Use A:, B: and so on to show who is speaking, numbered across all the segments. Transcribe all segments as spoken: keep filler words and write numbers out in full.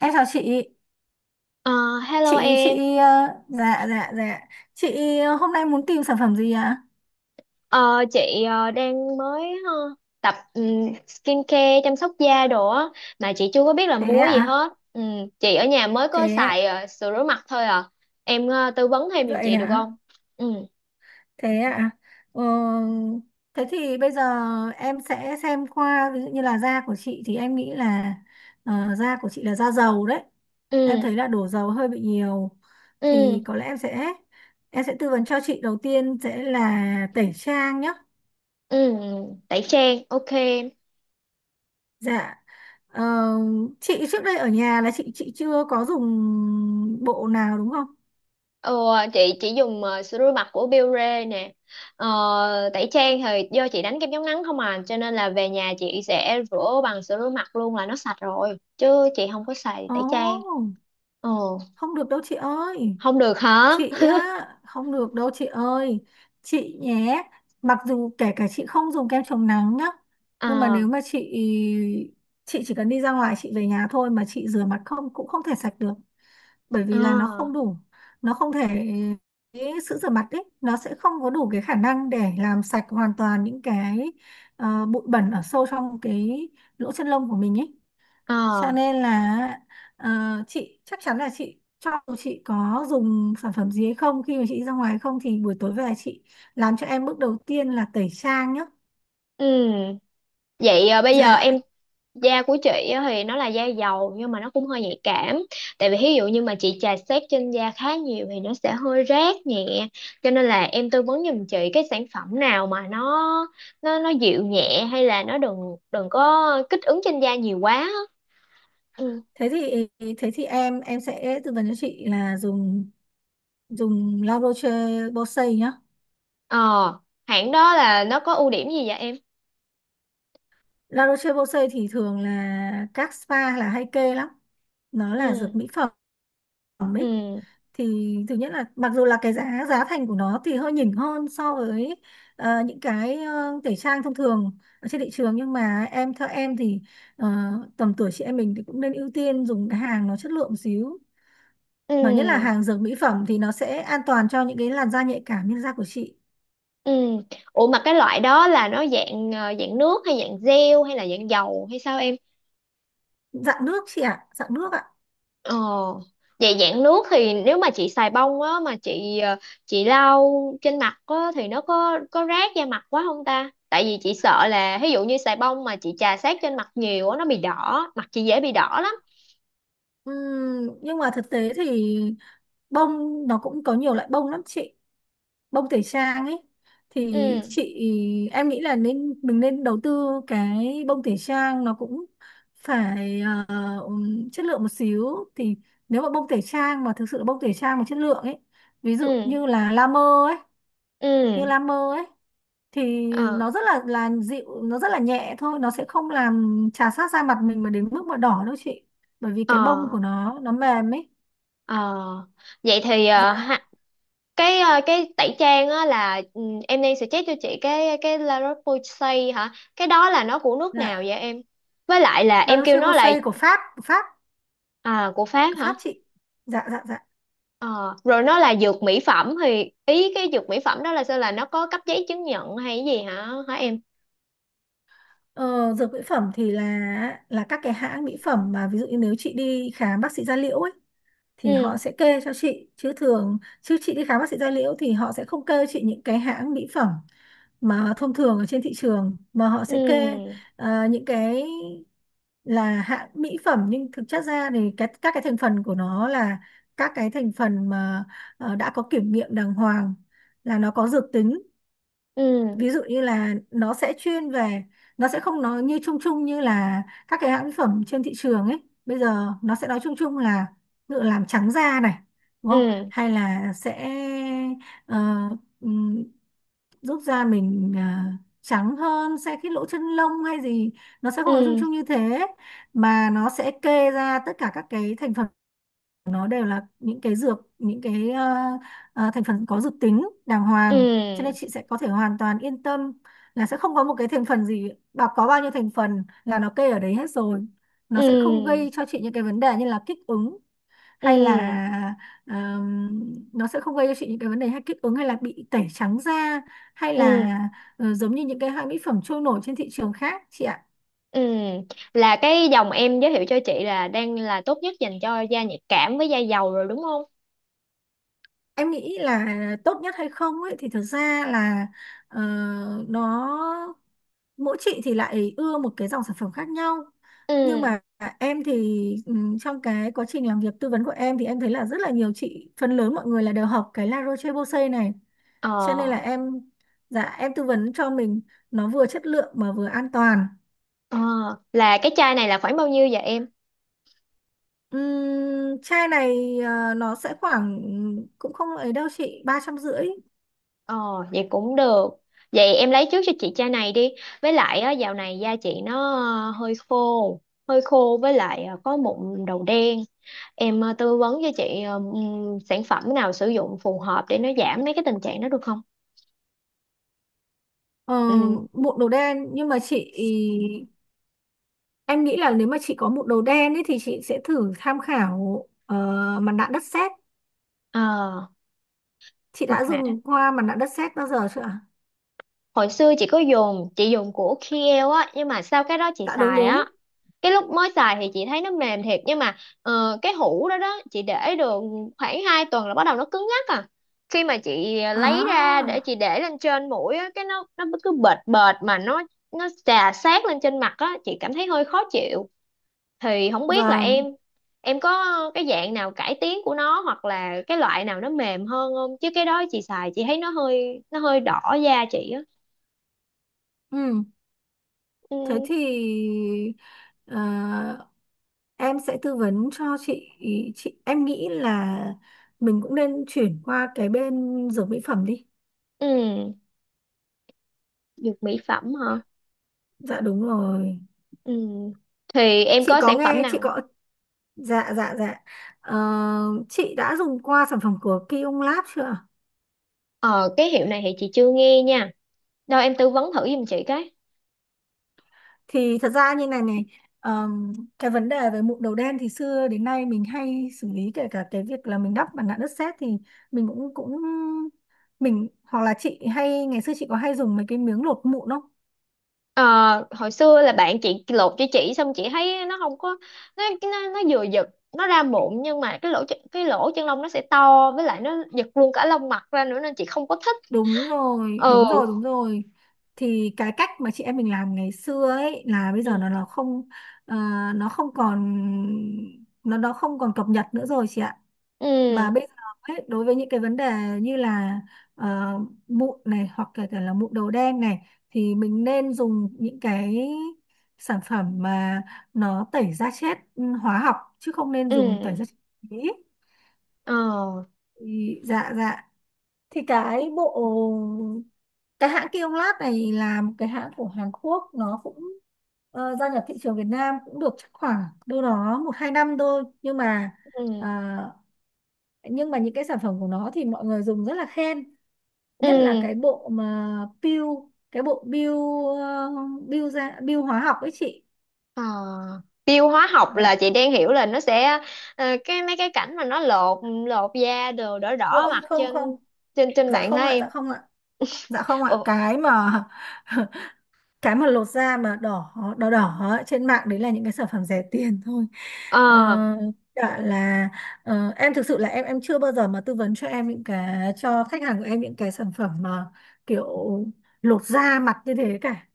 A: Em chào chị.
B: Ờ, Hello
A: chị
B: em.
A: chị ờ, dạ dạ dạ. Chị ờ, hôm nay muốn tìm sản phẩm gì ạ?
B: Ờ, chị ờ, đang mới ờ, tập um, skincare chăm sóc da đồ á mà chị chưa có biết là
A: Thế
B: mua gì
A: ạ?
B: hết. Ừ, chị ở nhà mới có
A: Thế ạ?
B: xài ờ, sữa rửa mặt thôi à. Em ờ, tư vấn thêm giùm
A: Vậy
B: chị được
A: hả?
B: không? Ừ,
A: Thế ạ? Ờ, Thế thì bây giờ em sẽ xem qua, ví dụ như là da của chị, thì em nghĩ là ờ, da của chị là da dầu đấy. Em
B: ừ,
A: thấy là đổ dầu hơi bị nhiều,
B: ừ,
A: thì có lẽ em sẽ em sẽ tư vấn cho chị, đầu tiên sẽ là tẩy trang nhé.
B: ừ, tẩy trang, ok.
A: Dạ. Ờ, chị trước đây ở nhà là chị chị chưa có dùng bộ nào, đúng không?
B: Ờ, chị chỉ dùng ờ, sữa rửa mặt của Biore nè, ờ, tẩy trang thì do chị đánh kem chống nắng không à, cho nên là về nhà chị sẽ rửa bằng sữa rửa mặt luôn là nó sạch rồi chứ chị không có xài tẩy trang.
A: Ồ,
B: ờ
A: không được đâu chị ơi.
B: Không được hả?
A: Chị á, không được đâu chị ơi. Chị nhé, mặc dù kể cả chị không dùng kem chống nắng nhá, nhưng mà
B: Ờ.
A: nếu mà chị chị chỉ cần đi ra ngoài, chị về nhà thôi mà chị rửa mặt không cũng không thể sạch được, bởi
B: Ờ.
A: vì là nó không đủ, nó không thể, cái sữa rửa mặt ấy nó sẽ không có đủ cái khả năng để làm sạch hoàn toàn những cái ờ, bụi bẩn ở sâu trong cái lỗ chân lông của mình ấy, cho
B: Ờ.
A: nên là ờ, chị chắc chắn là chị, cho dù chị có dùng sản phẩm gì hay không, khi mà chị ra ngoài hay không, thì buổi tối về chị làm cho em bước đầu tiên là tẩy trang nhá.
B: Ừ, vậy ờ, bây giờ
A: Dạ.
B: em. Da của chị á thì nó là da dầu nhưng mà nó cũng hơi nhạy cảm, tại vì ví dụ như mà chị chà xát trên da khá nhiều thì nó sẽ hơi rát nhẹ, cho nên là em tư vấn giùm chị cái sản phẩm nào mà nó nó nó dịu nhẹ hay là nó đừng đừng có kích ứng trên da nhiều quá á. Ừ.
A: thế thì Thế thì em em sẽ tư vấn cho chị là dùng dùng lau Roche Posay nhá.
B: ờ Hãng đó là nó có ưu điểm gì vậy em?
A: La Roche-Posay thì thường là các spa là hay kê lắm. Nó là dược
B: Ừ.
A: mỹ phẩm,
B: Ừ.
A: thì thứ nhất là mặc dù là cái giá giá thành của nó thì hơi nhỉnh hơn so với ờ, những cái ờ, tẩy trang thông thường ở trên thị trường, nhưng mà em, theo em thì ờ, tầm tuổi chị em mình thì cũng nên ưu tiên dùng cái hàng nó chất lượng một xíu. Mà nhất là
B: Ừ.
A: hàng dược mỹ phẩm thì nó sẽ an toàn cho những cái làn da nhạy cảm như da của chị.
B: Ừ. Ủa mà cái loại đó là nó dạng ờ, dạng nước hay dạng gel hay là dạng dầu hay sao em?
A: Dạng nước chị ạ, dạng nước ạ.
B: Ờ, vậy dạng nước thì nếu mà chị xài bông á mà chị ờ, chị lau trên mặt á thì nó có có rát da mặt quá không ta? Tại vì chị sợ là ví dụ như xài bông mà chị chà sát trên mặt nhiều á nó bị đỏ, mặt chị dễ bị đỏ lắm.
A: Ừm, nhưng mà thực tế thì bông nó cũng có nhiều loại bông lắm chị, bông tẩy trang ấy, thì
B: Ừ,
A: chị, em nghĩ là nên mình nên đầu tư cái bông tẩy trang nó cũng phải ờ, chất lượng một xíu, thì nếu mà bông tẩy trang mà thực sự là bông tẩy trang mà chất lượng ấy, ví dụ
B: ừ,
A: như là La Mer ấy, như
B: ừ.
A: La Mer ấy, thì
B: Ờ,
A: nó rất là là dịu, nó rất là nhẹ thôi, nó sẽ không làm chà sát da mặt mình mà đến mức mà đỏ đâu chị, bởi vì cái bông của
B: ờ,
A: nó nó mềm ấy.
B: ờ. Vậy thì ờ, ha-
A: Dạ
B: cái ờ, cái tẩy trang á là, ừ, em đang suggest cho chị cái cái La Roche-Posay hả? Cái đó là nó của nước nào vậy
A: dạ.
B: em? Với lại là
A: La
B: em kêu nó là.
A: Roche-Posay của Pháp, của Pháp,
B: À, của Pháp
A: của
B: hả?
A: Pháp chị, dạ dạ dạ.
B: Ờ, rồi nó là dược mỹ phẩm, thì ý cái dược mỹ phẩm đó là sao, là nó có cấp giấy chứng nhận hay cái gì hả hả em?
A: Ờ, dược mỹ phẩm thì là là các cái hãng mỹ phẩm mà ví dụ như nếu chị đi khám bác sĩ da liễu ấy, thì họ
B: Ừ.
A: sẽ kê cho chị, chứ thường chứ chị đi khám bác sĩ da liễu thì họ sẽ không kê chị những cái hãng mỹ phẩm mà thông thường ở trên thị trường, mà họ sẽ kê
B: Ừ.
A: ờ, những cái là hãng mỹ phẩm, nhưng thực chất ra thì cái các cái thành phần của nó là các cái thành phần mà ờ, đã có kiểm nghiệm đàng hoàng, là nó có dược tính.
B: Ừ.
A: Ví dụ như là nó sẽ chuyên về, nó sẽ không nói như chung chung như là các cái hãng mỹ phẩm trên thị trường ấy, bây giờ nó sẽ nói chung chung là, ví dụ làm trắng da này, đúng không,
B: Ừ.
A: hay là sẽ ờ, ừm, giúp da mình ờ, trắng hơn, sẽ cái lỗ chân lông hay gì, nó sẽ không nói chung
B: Ừ.
A: chung như thế, mà nó sẽ kê ra tất cả các cái thành phần, nó đều là những cái dược, những cái ờ, ờ, thành phần có dược tính đàng hoàng, cho nên
B: Ừ.
A: chị sẽ có thể hoàn toàn yên tâm là sẽ không có một cái thành phần gì, bà có bao nhiêu thành phần là nó kê ở đấy hết rồi, nó sẽ không
B: Ừ.
A: gây cho chị những cái vấn đề như là kích ứng hay
B: Ừ.
A: là ờm, nó sẽ không gây cho chị những cái vấn đề hay kích ứng hay là bị tẩy trắng da hay là
B: Ừ.
A: ờ, giống như những cái hãng mỹ phẩm trôi nổi trên thị trường khác chị ạ.
B: Ừ. Là cái dòng em giới thiệu cho chị là đang là tốt nhất dành cho da nhạy cảm với da dầu rồi đúng không?
A: Em nghĩ là tốt nhất hay không ấy thì thực ra là ờ, nó, mỗi chị thì lại ưa một cái dòng sản phẩm khác nhau, nhưng
B: Ừ.
A: mà em thì ừm, trong cái quá trình làm việc tư vấn của em thì em thấy là rất là nhiều chị, phần lớn mọi người là đều học cái La Roche-Posay này, cho nên là
B: Ờ,
A: em, dạ em tư vấn cho mình nó vừa chất lượng mà vừa an toàn.
B: ờ, là cái chai này là khoảng bao nhiêu vậy em?
A: Ừm, chai này ờ, nó sẽ khoảng ừm, cũng không ấy đâu chị, ba trăm rưỡi.
B: Ờ, vậy cũng được. Vậy em lấy trước cho chị chai này đi. Với lại á, dạo này da chị nó ờ, hơi khô, hơi khô với lại ờ, có mụn đầu đen. Em ờ, tư vấn cho chị ờ, ừm, sản phẩm nào sử dụng phù hợp để nó giảm mấy cái tình trạng đó được không?
A: Ờ,
B: Ừ.
A: mụn đầu đen nhưng mà chị, em nghĩ là nếu mà chị có bộ đồ đen ấy thì chị sẽ thử tham khảo ờ, mặt nạ đất sét.
B: Ờ,
A: Chị
B: mặt
A: đã
B: nạ,
A: dùng qua mặt nạ đất sét bao giờ chưa ạ?
B: hồi xưa chị có dùng, chị dùng của Kiehl á, nhưng mà sau cái đó chị
A: Dạ đúng
B: xài
A: đúng.
B: á, cái lúc mới xài thì chị thấy nó mềm thiệt, nhưng mà ờ, cái hũ đó đó chị để được khoảng hai tuần là bắt đầu nó cứng ngắc à, khi mà chị lấy ra để
A: À
B: chị để lên trên mũi á cái nó nó cứ bệt bệt, mà nó nó chà sát lên trên mặt á, chị cảm thấy hơi khó chịu, thì không biết là em
A: vâng.
B: em có cái dạng nào cải tiến của nó, hoặc là cái loại nào nó mềm hơn không, chứ cái đó chị xài chị thấy nó hơi nó hơi đỏ da chị á.
A: Ừ. Thế
B: Ừ.
A: thì ờ, em sẽ tư vấn cho chị chị em nghĩ là mình cũng nên chuyển qua cái bên dược mỹ phẩm đi.
B: Ừ, dược mỹ phẩm hả?
A: Dạ đúng rồi.
B: Ừ. Thì em
A: Chị
B: có
A: có
B: sản phẩm
A: nghe chị
B: nào?
A: có. Dạ dạ dạ. Ờ, chị đã dùng qua sản phẩm của Kiung Lab chưa ạ?
B: Ờ, cái hiệu này thì chị chưa nghe nha. Đâu em tư vấn thử giùm chị cái.
A: Thì thật ra như này này, ờm, cái vấn đề về mụn đầu đen thì xưa đến nay mình hay xử lý, kể cả cái việc là mình đắp mặt nạ đất sét, thì mình cũng cũng mình, hoặc là chị hay ngày xưa chị có hay dùng mấy cái miếng lột mụn không?
B: Ờ, hồi xưa là bạn chị lột cho chị, xong chị thấy nó không có, nó nó, nó vừa giật, nó ra mụn nhưng mà cái lỗ ch- cái lỗ chân lông nó sẽ to, với lại nó giật luôn cả lông mặt ra nữa nên chị không có thích.
A: Đúng rồi, đúng
B: Ừ.
A: rồi, đúng rồi. Thì cái cách mà chị em mình làm ngày xưa ấy là bây giờ
B: Ừ.
A: nó nó không ờ, nó không còn, nó nó không còn cập nhật nữa rồi chị ạ, mà
B: Ừ.
A: bây giờ ấy, đối với những cái vấn đề như là ờ, mụn này hoặc kể cả là mụn đầu đen này, thì mình nên dùng những cái sản phẩm mà nó tẩy da chết, ừ, hóa học, chứ không nên dùng tẩy
B: Ừ.
A: da chết ý.
B: Ờ.
A: Ý, dạ dạ. Thì cái bộ, cái hãng Kionlab này là một cái hãng của Hàn Quốc, nó cũng ờ, gia nhập thị trường Việt Nam cũng được chắc khoảng đâu đó một hai năm thôi, nhưng mà
B: Ừ.
A: ờ, nhưng mà những cái sản phẩm của nó thì mọi người dùng rất là khen, nhất là
B: Ừ.
A: cái bộ mà peel, cái bộ peel ờ, peel ra peel hóa học ấy chị.
B: Ờ, tiêu hóa học là
A: Dạ,
B: chị đang hiểu là nó sẽ ờ, cái mấy cái cảnh mà nó lột lột da đồ đỏ đỏ
A: ôi
B: mặt
A: không
B: trên
A: không,
B: trên trên
A: dạ
B: mạng
A: không
B: hả
A: ạ,
B: em?
A: dạ không ạ. Dạ không ạ
B: Ồ,
A: cái mà cái mà lột da mà đỏ đỏ đỏ ấy, trên mạng đấy là những cái sản phẩm rẻ tiền thôi. Ờ,
B: ờ,
A: cả là ờ, em thực sự là em em chưa bao giờ mà tư vấn cho em những cái, cho khách hàng của em những cái sản phẩm mà kiểu lột da mặt như thế cả,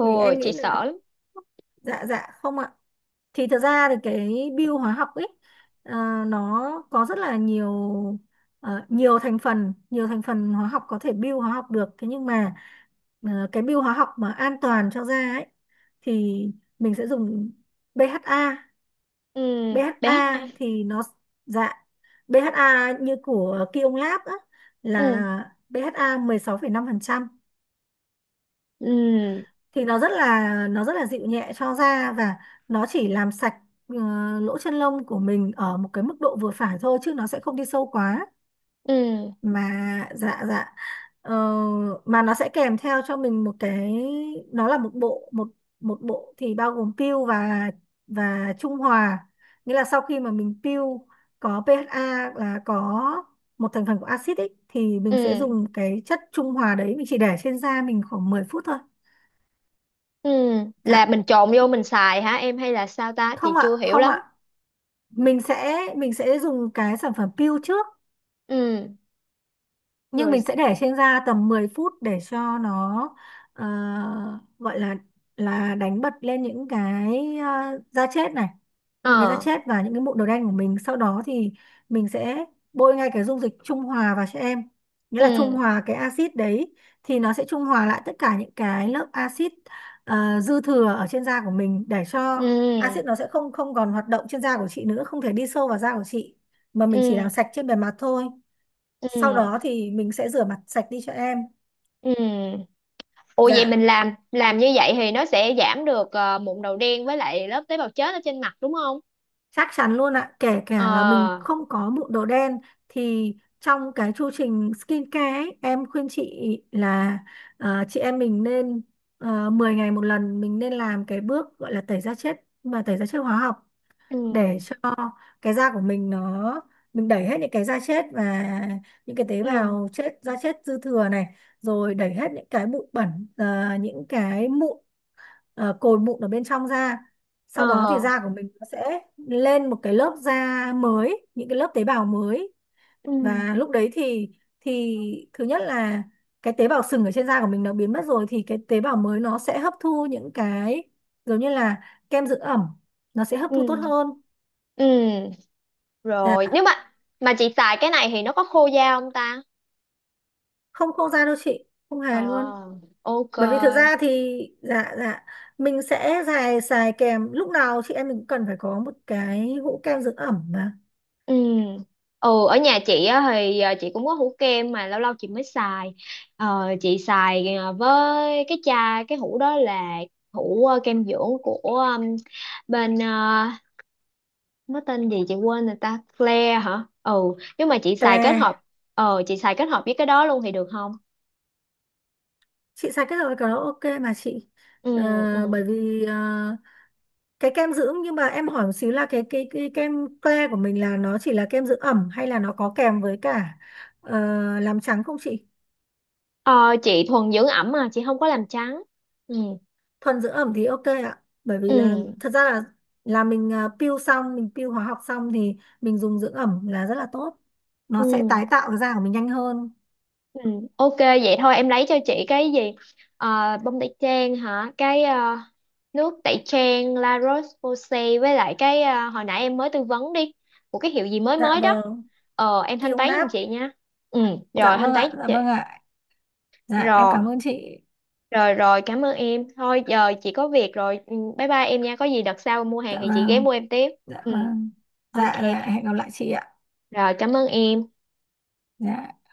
A: vì em
B: chị
A: nghĩ là
B: sợ
A: nó,
B: lắm.
A: dạ dạ không ạ. Thì thật ra thì cái bio hóa học ấy, à, nó có rất là nhiều ờ, nhiều thành phần, nhiều thành phần hóa học có thể bio hóa học được, thế nhưng mà ờ, cái bio hóa học mà an toàn cho da ấy, thì mình sẽ dùng bê hát a.
B: Ừ, bê hát a.
A: bê hát a thì nó, dạ, BHA như của Kiông Lab á,
B: Ừ,
A: là bê hát a mười sáu phẩy năm phần trăm,
B: ừ,
A: thì nó rất là, nó rất là dịu nhẹ cho da, và nó chỉ làm sạch ờ, lỗ chân lông của mình ở một cái mức độ vừa phải thôi, chứ nó sẽ không đi sâu quá
B: ừ,
A: mà, dạ dạ. Ờ, mà nó sẽ kèm theo cho mình một cái, nó là một bộ, một một bộ thì bao gồm peel và và trung hòa, nghĩa là sau khi mà mình peel có pê hát a là có một thành phần của axit ấy, thì mình sẽ
B: ừ,
A: dùng cái chất trung hòa đấy, mình chỉ để trên da mình khoảng mười phút thôi.
B: ừ.
A: Dạ,
B: Là mình trộn vô mình xài hả em hay là sao ta? Chị
A: không
B: chưa
A: ạ,
B: hiểu
A: không
B: lắm.
A: ạ. Mình sẽ mình sẽ dùng cái sản phẩm peel trước,
B: Ừ,
A: nhưng
B: rồi.
A: mình sẽ để trên da tầm mười phút để cho nó ờ, gọi là là đánh bật lên những cái, ờ, da chết này, những cái da
B: Ờ,
A: chết và những cái mụn đầu đen của mình, sau đó thì mình sẽ bôi ngay cái dung dịch trung hòa vào cho em, nghĩa là trung
B: ừ,
A: hòa cái axit đấy, thì nó sẽ trung hòa lại tất cả những cái lớp axit ờ, dư thừa ở trên da của mình, để cho
B: ừ,
A: axit nó sẽ không không còn hoạt động trên da của chị nữa, không thể đi sâu vào da của chị, mà mình chỉ làm
B: ừ,
A: sạch trên bề mặt thôi,
B: ừ,
A: sau
B: ừ.
A: đó thì mình sẽ rửa mặt sạch đi cho em.
B: Ừ. Ủa, vậy
A: Dạ.
B: mình làm làm như vậy thì nó sẽ giảm được ờ, mụn đầu đen với lại lớp tế bào chết ở trên mặt đúng không?
A: Chắc chắn luôn ạ, kể
B: Ờ.
A: cả là mình không có mụn đồ đen, thì trong cái chu trình skincare ấy, em khuyên chị là ờ, chị em mình nên ờ, mười ngày một lần mình nên làm cái bước gọi là tẩy da chết, mà tẩy da chết hóa học, để
B: Ừ.
A: cho cái da của mình nó, mình đẩy hết những cái da chết và những cái tế
B: Ừ.
A: bào chết, da chết dư thừa này, rồi đẩy hết những cái bụi bẩn, ờ, những cái mụn, ờ, cồi mụn ở bên trong ra,
B: Ờ.
A: sau đó thì da của mình nó sẽ lên một cái lớp da mới, những cái lớp tế bào mới,
B: Ừ.
A: và lúc đấy thì thì thứ nhất là cái tế bào sừng ở trên da của mình nó biến mất rồi, thì cái tế bào mới nó sẽ hấp thu những cái giống như là kem dưỡng ẩm, nó sẽ hấp thu tốt
B: Ừ.
A: hơn.
B: Ừ. Rồi, nếu
A: Dạ,
B: mà mà chị xài cái này thì nó có khô da không ta?
A: không khô da đâu chị, không hề luôn,
B: Ờ. Ok.
A: bởi vì thực ra thì dạ dạ, mình sẽ xài xài kèm, lúc nào chị em mình cũng cần phải có một cái hũ kem dưỡng ẩm mà.
B: Ừ. Ừ, ở nhà chị á, thì ờ, chị cũng có hũ kem mà lâu lâu chị mới xài. Ờ, chị xài ờ, với cái chai, cái hũ đó là hũ ờ, kem dưỡng của ừm, bên, ờ, nó tên gì chị quên rồi ta, Flare hả? Ừ, nhưng mà chị xài kết
A: Claire,
B: hợp, ờ chị xài kết hợp với cái đó luôn thì được không?
A: chị xài cái rồi, cái đó ok mà chị.
B: Ừ.
A: Ờ,
B: Ừ.
A: bởi vì ờ, cái kem dưỡng, nhưng mà em hỏi một xíu là cái cái cái kem Claire của mình là nó chỉ là kem dưỡng ẩm hay là nó có kèm với cả ờ, làm trắng không chị?
B: ờ chị thuần dưỡng ẩm mà chị không có làm trắng. Ừ.
A: Thuần dưỡng ẩm thì ok ạ, bởi vì là
B: Ừ.
A: thật ra là là mình ờ, peel xong, mình peel hóa học xong, thì mình dùng dưỡng ẩm là rất là tốt, nó sẽ tái
B: Ừ.
A: tạo cái da của mình nhanh hơn.
B: Ừ. Ok, vậy thôi em lấy cho chị cái gì, ờ bông tẩy trang hả, cái ờ, nước tẩy trang La Roche-Posay, với lại cái, ờ, hồi nãy em mới tư vấn đi, của cái hiệu gì mới
A: Dạ
B: mới đó.
A: vâng.
B: Ờ em thanh
A: Kiông
B: toán giùm
A: Lab.
B: chị nha. Ừ,
A: Dạ
B: rồi thanh
A: vâng
B: toán
A: ạ,
B: cho
A: dạ
B: chị.
A: vâng ạ, dạ em cảm
B: Rồi.
A: ơn chị.
B: Rồi, rồi, cảm ơn em. Thôi giờ chị có việc rồi. Ừ, Bye bye em nha. Có gì đợt sau mua hàng
A: Dạ
B: thì chị ghé
A: vâng.
B: mua em tiếp.
A: Dạ
B: Ừ,
A: vâng.
B: ok.
A: Dạ dạ,
B: cả-
A: hẹn gặp lại chị ạ.
B: Rồi, cảm ơn em.
A: Dạ.